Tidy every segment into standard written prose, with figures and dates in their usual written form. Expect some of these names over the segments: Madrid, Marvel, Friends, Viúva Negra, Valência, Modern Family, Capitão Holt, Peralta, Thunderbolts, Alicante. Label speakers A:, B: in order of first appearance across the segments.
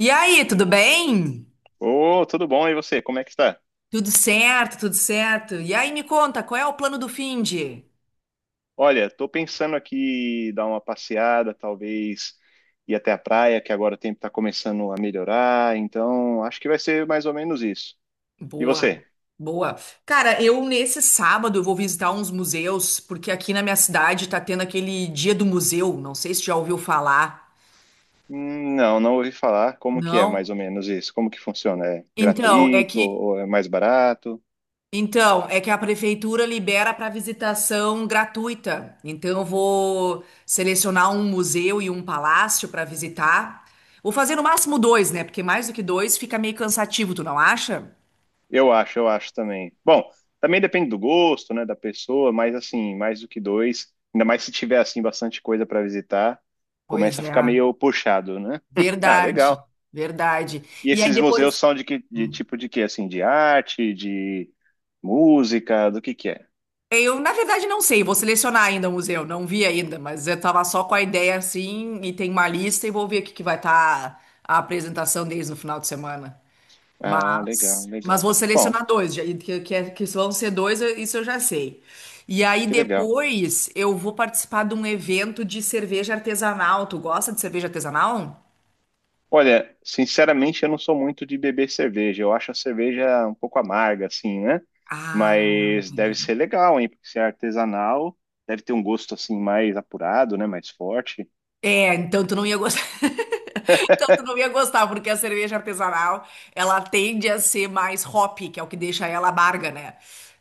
A: E aí, tudo bem?
B: Ô, tudo bom? E você, como é que está?
A: Tudo certo, tudo certo. E aí, me conta, qual é o plano do finde?
B: Olha, tô pensando aqui dar uma passeada, talvez ir até a praia, que agora o tempo está começando a melhorar, então acho que vai ser mais ou menos isso. E
A: Boa,
B: você?
A: boa. Cara, eu nesse sábado eu vou visitar uns museus, porque aqui na minha cidade tá tendo aquele dia do museu, não sei se já ouviu falar.
B: Não, não ouvi falar. Como que é mais
A: Não?
B: ou menos isso? Como que funciona? É
A: Então, é
B: gratuito
A: que
B: ou é mais barato?
A: Então, é que a prefeitura libera para visitação gratuita. Então, eu vou selecionar um museu e um palácio para visitar. Vou fazer no máximo dois, né? Porque mais do que dois fica meio cansativo, tu não acha?
B: Eu acho também. Bom, também depende do gosto, né, da pessoa, mas assim, mais do que dois, ainda mais se tiver assim bastante coisa para visitar,
A: Pois
B: começa a
A: é,
B: ficar meio puxado, né? Ah,
A: verdade,
B: legal.
A: verdade.
B: E
A: E aí
B: esses museus
A: depois.
B: são de que de
A: Hum.
B: tipo de quê? Assim, de arte, de música, do que é?
A: Eu, na verdade, não sei, vou selecionar ainda o museu, não vi ainda, mas eu tava só com a ideia assim, e tem uma lista e vou ver o que que vai estar a apresentação deles no final de semana.
B: Ah, legal,
A: Mas
B: legal.
A: vou
B: Bom,
A: selecionar dois, que vão ser dois, isso eu já sei. E aí
B: que legal.
A: depois eu vou participar de um evento de cerveja artesanal. Tu gosta de cerveja artesanal?
B: Olha, sinceramente, eu não sou muito de beber cerveja. Eu acho a cerveja um pouco amarga, assim, né?
A: Ah,
B: Mas deve
A: entendi.
B: ser legal, hein? Porque se é artesanal, deve ter um gosto assim mais apurado, né? Mais forte.
A: É, então tu não ia gostar. Então tu não ia gostar, porque a cerveja artesanal, ela tende a ser mais hop, que é o que deixa ela amarga, né?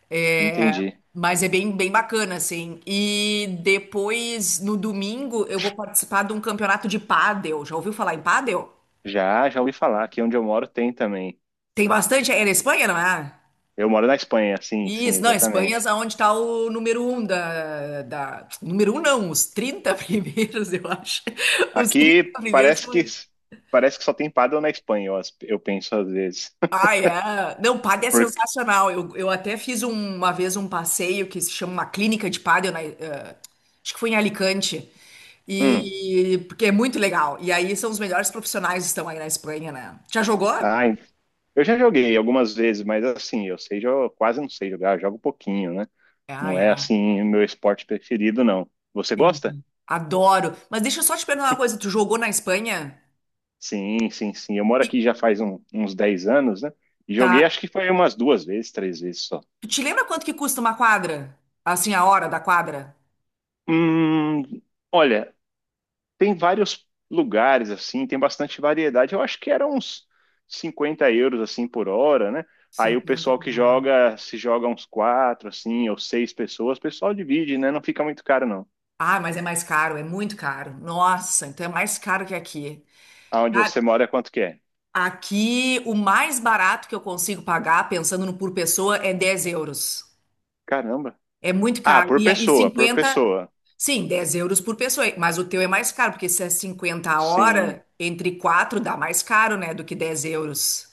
A: É,
B: Entendi.
A: mas é bem, bem bacana, assim. E depois, no domingo, eu vou participar de um campeonato de pádel. Já ouviu falar em pádel?
B: Já, já ouvi falar. Aqui onde eu moro tem também.
A: Tem bastante, é na Espanha, não é?
B: Eu moro na Espanha, sim, sim,
A: Isso, não, Espanha
B: exatamente.
A: é onde está o número um da. Número um não, os 30 primeiros, eu acho. Os 30
B: Aqui
A: primeiros foi.
B: parece que só tem paddle na Espanha, eu penso às vezes.
A: Ah, é. Não, pádel é
B: Porque,
A: sensacional. Eu até fiz uma vez um passeio que se chama uma clínica de pádel, acho que foi em Alicante.
B: hum,
A: E porque é muito legal. E aí são os melhores profissionais que estão aí na Espanha, né? Já jogou?
B: ai, eu já joguei algumas vezes, mas assim, eu sei, eu quase não sei jogar, eu jogo pouquinho, né?
A: Ah,
B: Não
A: é.
B: é assim o meu esporte preferido, não. Você gosta?
A: Entendi. Adoro. Mas deixa eu só te perguntar uma coisa. Tu jogou na Espanha?
B: Sim, sim, sim. Eu moro aqui
A: E-
B: já faz uns 10 anos, né? E joguei
A: Tá.
B: acho que foi umas duas vezes, três vezes só.
A: Tu te lembra quanto que custa uma quadra? Assim, a hora da quadra?
B: Hum, olha, tem vários lugares assim, tem bastante variedade. Eu acho que era uns 50 euros assim por hora, né? Aí o
A: 50
B: pessoal
A: por
B: que
A: hora.
B: joga, se joga uns quatro assim, ou seis pessoas, o pessoal divide, né? Não fica muito caro não.
A: Ah, mas é mais caro, é muito caro. Nossa, então é mais caro que aqui.
B: Aonde
A: Ah,
B: você mora, quanto que é?
A: aqui, o mais barato que eu consigo pagar, pensando no por pessoa, é 10 euros.
B: Caramba.
A: É muito
B: Ah,
A: caro.
B: por
A: E
B: pessoa, por
A: 50
B: pessoa.
A: sim, 10 euros por pessoa. Mas o teu é mais caro, porque se é 50 a
B: Sim.
A: hora, entre 4 dá mais caro, né, do que 10 euros.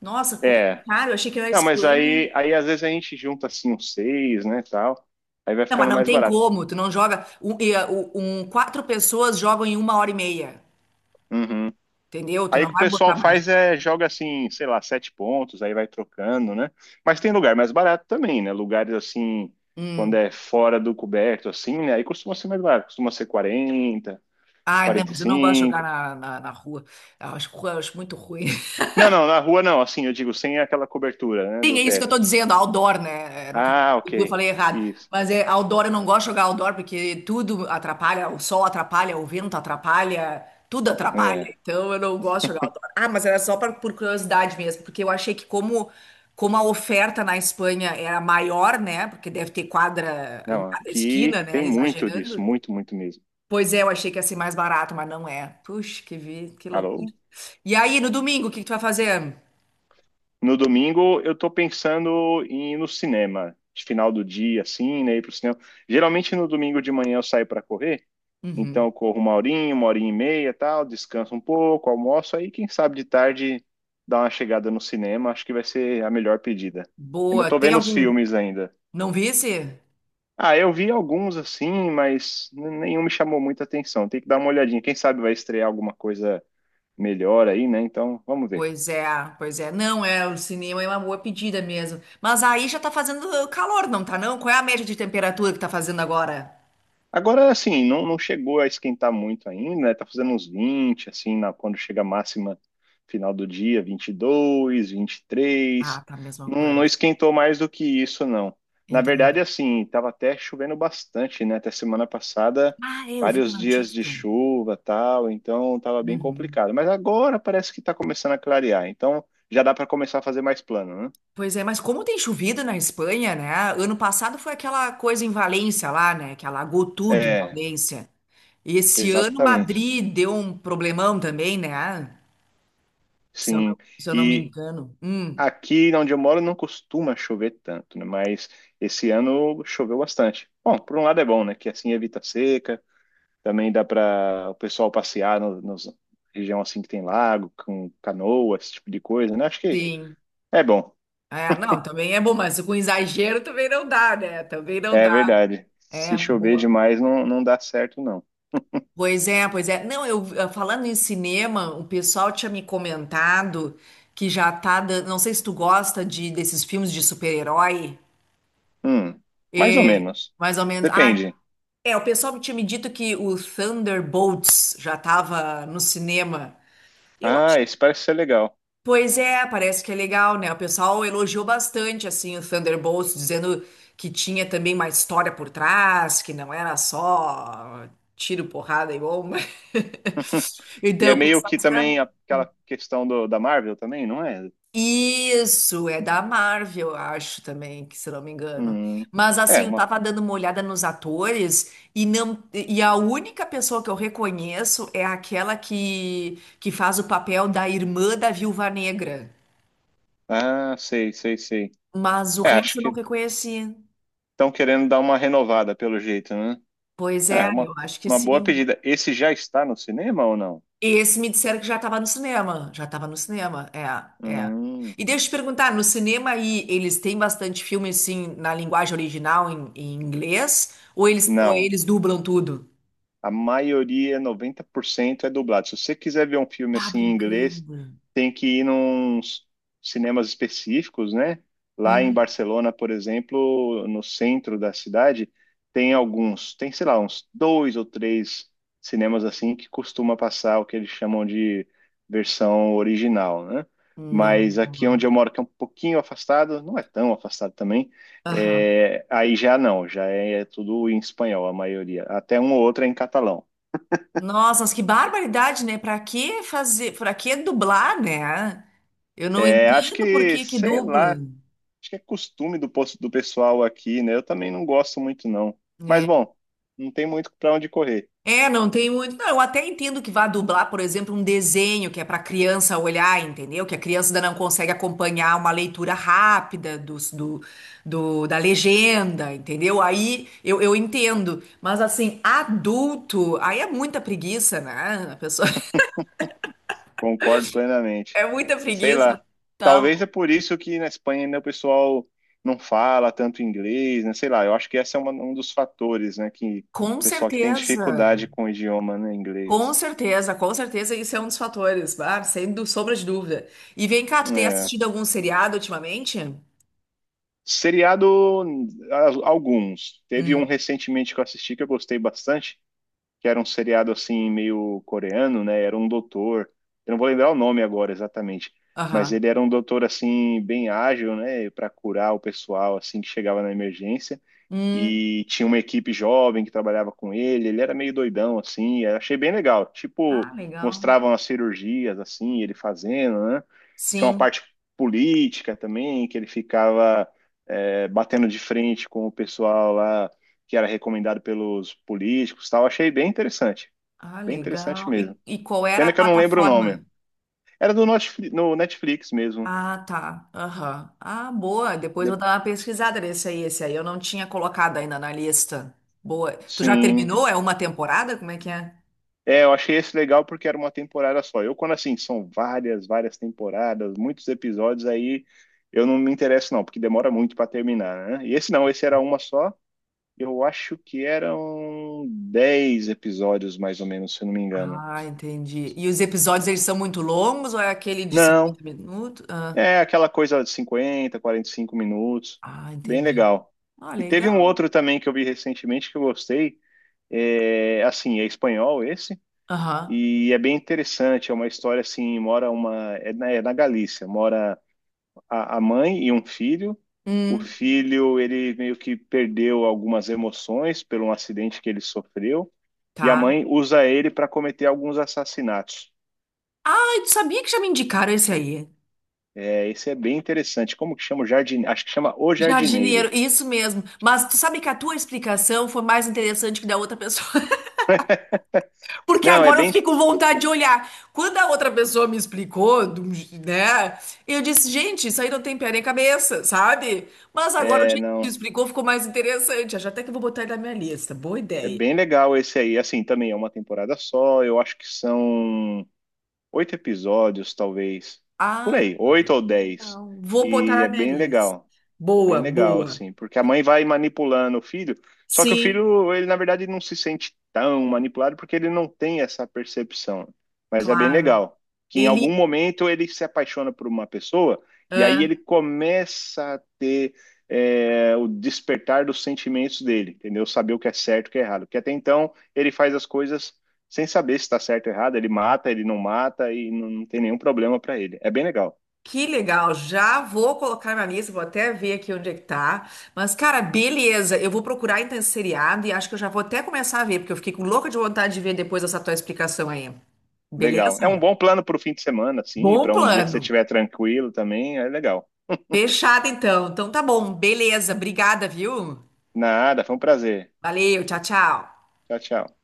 A: Nossa, como é
B: É.
A: caro? Eu achei que era a
B: Não, mas
A: Espanha.
B: aí, aí às vezes a gente junta assim uns seis, né, tal. Aí vai
A: Não, mas
B: ficando
A: não
B: mais
A: tem
B: barato.
A: como. Tu não joga. Quatro pessoas jogam em uma hora e meia.
B: Uhum.
A: Entendeu? Tu
B: Aí o
A: não
B: que o
A: vai botar
B: pessoal
A: mais.
B: faz é joga assim, sei lá, sete pontos, aí vai trocando, né? Mas tem lugar mais barato também, né? Lugares assim, quando
A: Hum.
B: é fora do coberto, assim, né? Aí costuma ser mais barato, costuma ser 40,
A: Ah, não,
B: quarenta e
A: mas eu não gosto de jogar
B: cinco.
A: na rua. Eu acho muito ruim.
B: Não, não, na rua não, assim, eu digo, sem aquela cobertura, né,
A: Sim, é
B: do
A: isso que eu tô
B: teto.
A: dizendo, outdoor, né? É, no caso,
B: Ah,
A: eu
B: ok,
A: falei errado.
B: isso.
A: Mas é outdoor, eu não gosto de jogar outdoor porque tudo atrapalha, o sol atrapalha, o vento atrapalha, tudo atrapalha.
B: É,
A: Então eu não gosto de jogar outdoor. Ah, mas era só pra, por curiosidade mesmo, porque eu achei que como a oferta na Espanha era maior, né? Porque deve ter quadra em
B: não,
A: cada esquina,
B: aqui
A: né?
B: tem muito disso,
A: Exagerando.
B: muito, muito mesmo.
A: Pois é, eu achei que ia ser mais barato, mas não é. Puxa, que vi, que loucura.
B: Alô?
A: E aí, no domingo, o que que tu vai fazer?
B: No domingo eu tô pensando em ir no cinema, de final do dia, assim, né? Ir pro cinema. Geralmente no domingo de manhã eu saio para correr, então
A: Uhum.
B: eu corro uma horinha e meia, tal, descanso um pouco, almoço, aí quem sabe de tarde dar uma chegada no cinema, acho que vai ser a melhor pedida. Ainda
A: Boa.
B: tô
A: Tem
B: vendo os
A: algum.
B: filmes ainda.
A: Não visse?
B: Ah, eu vi alguns assim, mas nenhum me chamou muita atenção. Tem que dar uma olhadinha. Quem sabe vai estrear alguma coisa melhor aí, né? Então, vamos ver.
A: Pois é, pois é. Não, é, o cinema é uma boa pedida mesmo. Mas aí já tá fazendo calor, não tá não? Qual é a média de temperatura que tá fazendo agora?
B: Agora, assim, não, não chegou a esquentar muito ainda, né? Tá fazendo uns 20 assim, na, quando chega a máxima final do dia, 22,
A: Ah,
B: 23.
A: tá a mesma
B: Não, não
A: coisa.
B: esquentou mais do que isso, não. Na
A: Entendi.
B: verdade, assim, tava até chovendo bastante, né? Até semana passada,
A: Ah, é, eu vi a
B: vários dias de
A: notícia.
B: chuva, tal, então tava bem
A: Uhum.
B: complicado. Mas agora parece que tá começando a clarear, então já dá para começar a fazer mais plano, né?
A: Pois é, mas como tem chovido na Espanha, né? Ano passado foi aquela coisa em Valência lá, né? Que alagou tudo em
B: É,
A: Valência. E esse ano
B: exatamente.
A: Madrid deu um problemão também, né? Se eu
B: Sim.
A: não, se eu não me
B: e
A: engano.
B: Aqui onde eu moro não costuma chover tanto, né? Mas esse ano choveu bastante. Bom, por um lado é bom, né? Que assim evita seca, também dá para o pessoal passear no, nos região assim que tem lago, com canoa, esse tipo de coisa, né? Acho que
A: Sim.
B: é bom.
A: É, não, também é bom, mas com exagero também não dá, né? Também não dá.
B: É verdade. Se
A: É,
B: chover
A: boa.
B: demais não, não dá certo, não.
A: Pois é, pois é. Não, eu falando em cinema, o pessoal tinha me comentado que já tá dando. Não sei se tu gosta de desses filmes de super-herói.
B: Hum, mais ou
A: É,
B: menos.
A: mais ou menos. Ah,
B: Depende.
A: é, o pessoal tinha me dito que o Thunderbolts já tava no cinema. Eu acho.
B: Ah, esse parece ser legal.
A: Pois é, parece que é legal, né? O pessoal elogiou bastante assim o Thunderbolts, dizendo que tinha também uma história por trás, que não era só tiro, porrada e bomba.
B: E é
A: Então, o
B: meio
A: pessoal
B: que
A: esperava.
B: também aquela questão da Marvel também, não é?
A: Isso, é da Marvel, eu acho também, que se não me engano.
B: Hum,
A: Mas
B: é,
A: assim, eu
B: uma
A: tava dando uma olhada nos atores e não e a única pessoa que eu reconheço é aquela que faz o papel da irmã da Viúva Negra.
B: Ah, sei, sei, sei.
A: Mas o
B: É, acho
A: resto eu não
B: que
A: reconheci.
B: estão querendo dar uma renovada pelo jeito, né?
A: Pois é,
B: É, uma,
A: eu acho que
B: uma boa
A: sim.
B: pedida. Esse já está no cinema ou não?
A: E esse me disseram que já estava no cinema. Já estava no cinema, é, é.
B: Hum,
A: E deixa eu te perguntar, no cinema aí eles têm bastante filme assim na linguagem original em inglês ou eles ou
B: não.
A: eles dublam tudo?
B: A maioria, 90%, é dublado. Se você quiser ver um filme
A: Tá
B: assim em inglês,
A: brincando.
B: tem que ir nos cinemas específicos, né? Lá em
A: Hum,
B: Barcelona, por exemplo, no centro da cidade, tem alguns, tem, sei lá, uns dois ou três cinemas assim que costuma passar o que eles chamam de versão original, né?
A: não.
B: Mas aqui onde eu moro, que é um pouquinho afastado, não é tão afastado também,
A: Aham.
B: aí já não, já é tudo em espanhol, a maioria. Até um ou outro é em catalão.
A: Nossa, mas que barbaridade, né? Pra que fazer, pra que dublar, né? Eu não
B: É, acho
A: entendo por
B: que,
A: que que
B: sei lá,
A: dubla.
B: acho que é costume do pessoal aqui, né? Eu também não gosto muito, não. Mas,
A: Né?
B: bom, não tem muito para onde correr.
A: É, não tem muito. Não, eu até entendo que vá dublar, por exemplo, um desenho que é para criança olhar, entendeu? Que a criança ainda não consegue acompanhar uma leitura rápida da legenda, entendeu? Aí eu entendo. Mas assim, adulto, aí é muita preguiça, né? A pessoa
B: Concordo plenamente.
A: é muita
B: Sei
A: preguiça.
B: lá. Talvez é por isso que na Espanha ainda o pessoal não fala tanto inglês, né? Sei lá, eu acho que esse é um dos fatores, né? Que o
A: Com
B: pessoal que tem
A: certeza.
B: dificuldade com o idioma, né?
A: Com
B: Inglês.
A: certeza, com certeza, isso é um dos fatores, ah, sem sombra de dúvida. E vem cá, tu tem
B: É.
A: assistido algum seriado ultimamente?
B: Seriado, alguns. Teve um
A: Hum,
B: recentemente que eu assisti que eu gostei bastante, que era um seriado assim meio coreano, né? Era um doutor. Eu não vou lembrar o nome agora exatamente, mas
A: aham.
B: ele era um doutor assim bem ágil, né, para curar o pessoal assim que chegava na emergência.
A: Hum.
B: E tinha uma equipe jovem que trabalhava com ele. Ele era meio doidão assim, eu achei bem legal. Tipo,
A: Ah, legal.
B: mostravam as cirurgias assim, ele fazendo, né? Tinha uma
A: Sim.
B: parte política também, que ele ficava batendo de frente com o pessoal lá que era recomendado pelos políticos, e tal. Achei
A: Ah,
B: bem interessante
A: legal. E,
B: mesmo.
A: e qual era
B: Pena
A: a
B: que eu não lembro o nome.
A: plataforma?
B: Era do no Netflix mesmo.
A: Ah, tá. Aham. Ah, boa. Depois
B: De-
A: vou dar uma pesquisada nesse aí. Esse aí eu não tinha colocado ainda na lista. Boa. Tu já
B: Sim,
A: terminou? É uma temporada? Como é que é?
B: é, eu achei esse legal porque era uma temporada só. Eu, quando assim, são várias, várias temporadas, muitos episódios, aí eu não me interesso, não, porque demora muito para terminar, né? E esse não, esse era uma só. Eu acho que eram 10 episódios, mais ou menos, se eu não me engano.
A: Ah, entendi. E os episódios, eles são muito longos ou é aquele de
B: Não,
A: 50 minutos? Ah,
B: é aquela coisa de 50, 45 minutos.
A: ah,
B: Bem
A: entendi.
B: legal.
A: Ah,
B: E teve um
A: legal.
B: outro também que eu vi recentemente que eu gostei. É, assim, é espanhol esse.
A: Aham.
B: E é bem interessante. É uma história assim: mora uma. É na Galícia. Mora a mãe e um filho. O
A: Hum,
B: filho, ele meio que perdeu algumas emoções por um acidente que ele sofreu. E a
A: tá.
B: mãe usa ele para cometer alguns assassinatos.
A: Ah, tu sabia que já me indicaram esse aí?
B: É, esse é bem interessante. Como que chama o jardineiro? Acho que chama O Jardineiro.
A: Jardineiro, isso mesmo. Mas tu sabe que a tua explicação foi mais interessante que da outra pessoa, porque
B: Não, é
A: agora eu
B: bem.
A: fiquei com vontade de olhar. Quando a outra pessoa me explicou, né? Eu disse, gente, isso aí não tem pé nem cabeça, sabe? Mas agora o
B: É,
A: jeito que tu
B: não.
A: explicou ficou mais interessante. Acho até que eu vou botar ele na minha lista. Boa
B: É
A: ideia.
B: bem legal esse aí. Assim, também é uma temporada só. Eu acho que são oito episódios, talvez. Por
A: Ah,
B: aí, oito ou 10.
A: não. Vou botar
B: E
A: na
B: é
A: minha
B: bem
A: lista.
B: legal. Bem
A: Boa,
B: legal,
A: boa.
B: assim, porque a mãe vai manipulando o filho, só que o
A: Sim,
B: filho, ele na verdade não se sente tão manipulado porque ele não tem essa percepção. Mas é bem
A: claro.
B: legal que em algum
A: Ele.
B: momento ele se apaixona por uma pessoa e aí ele começa a ter o despertar dos sentimentos dele, entendeu? Saber o que é certo e o que é errado. Porque até então ele faz as coisas sem saber se está certo ou errado, ele mata, ele não mata e não, não tem nenhum problema para ele. É bem legal.
A: Que legal, já vou colocar na lista, vou até ver aqui onde é que tá. Mas, cara, beleza, eu vou procurar então esse seriado e acho que eu já vou até começar a ver, porque eu fiquei com louca de vontade de ver depois dessa tua explicação aí.
B: Legal. É
A: Beleza?
B: um bom plano para o fim de semana, sim,
A: Bom
B: para um dia que você
A: plano.
B: estiver tranquilo também, é legal.
A: Fechado então. Então tá bom, beleza, obrigada, viu?
B: Nada, foi um prazer.
A: Valeu, tchau, tchau.
B: Tchau, tchau.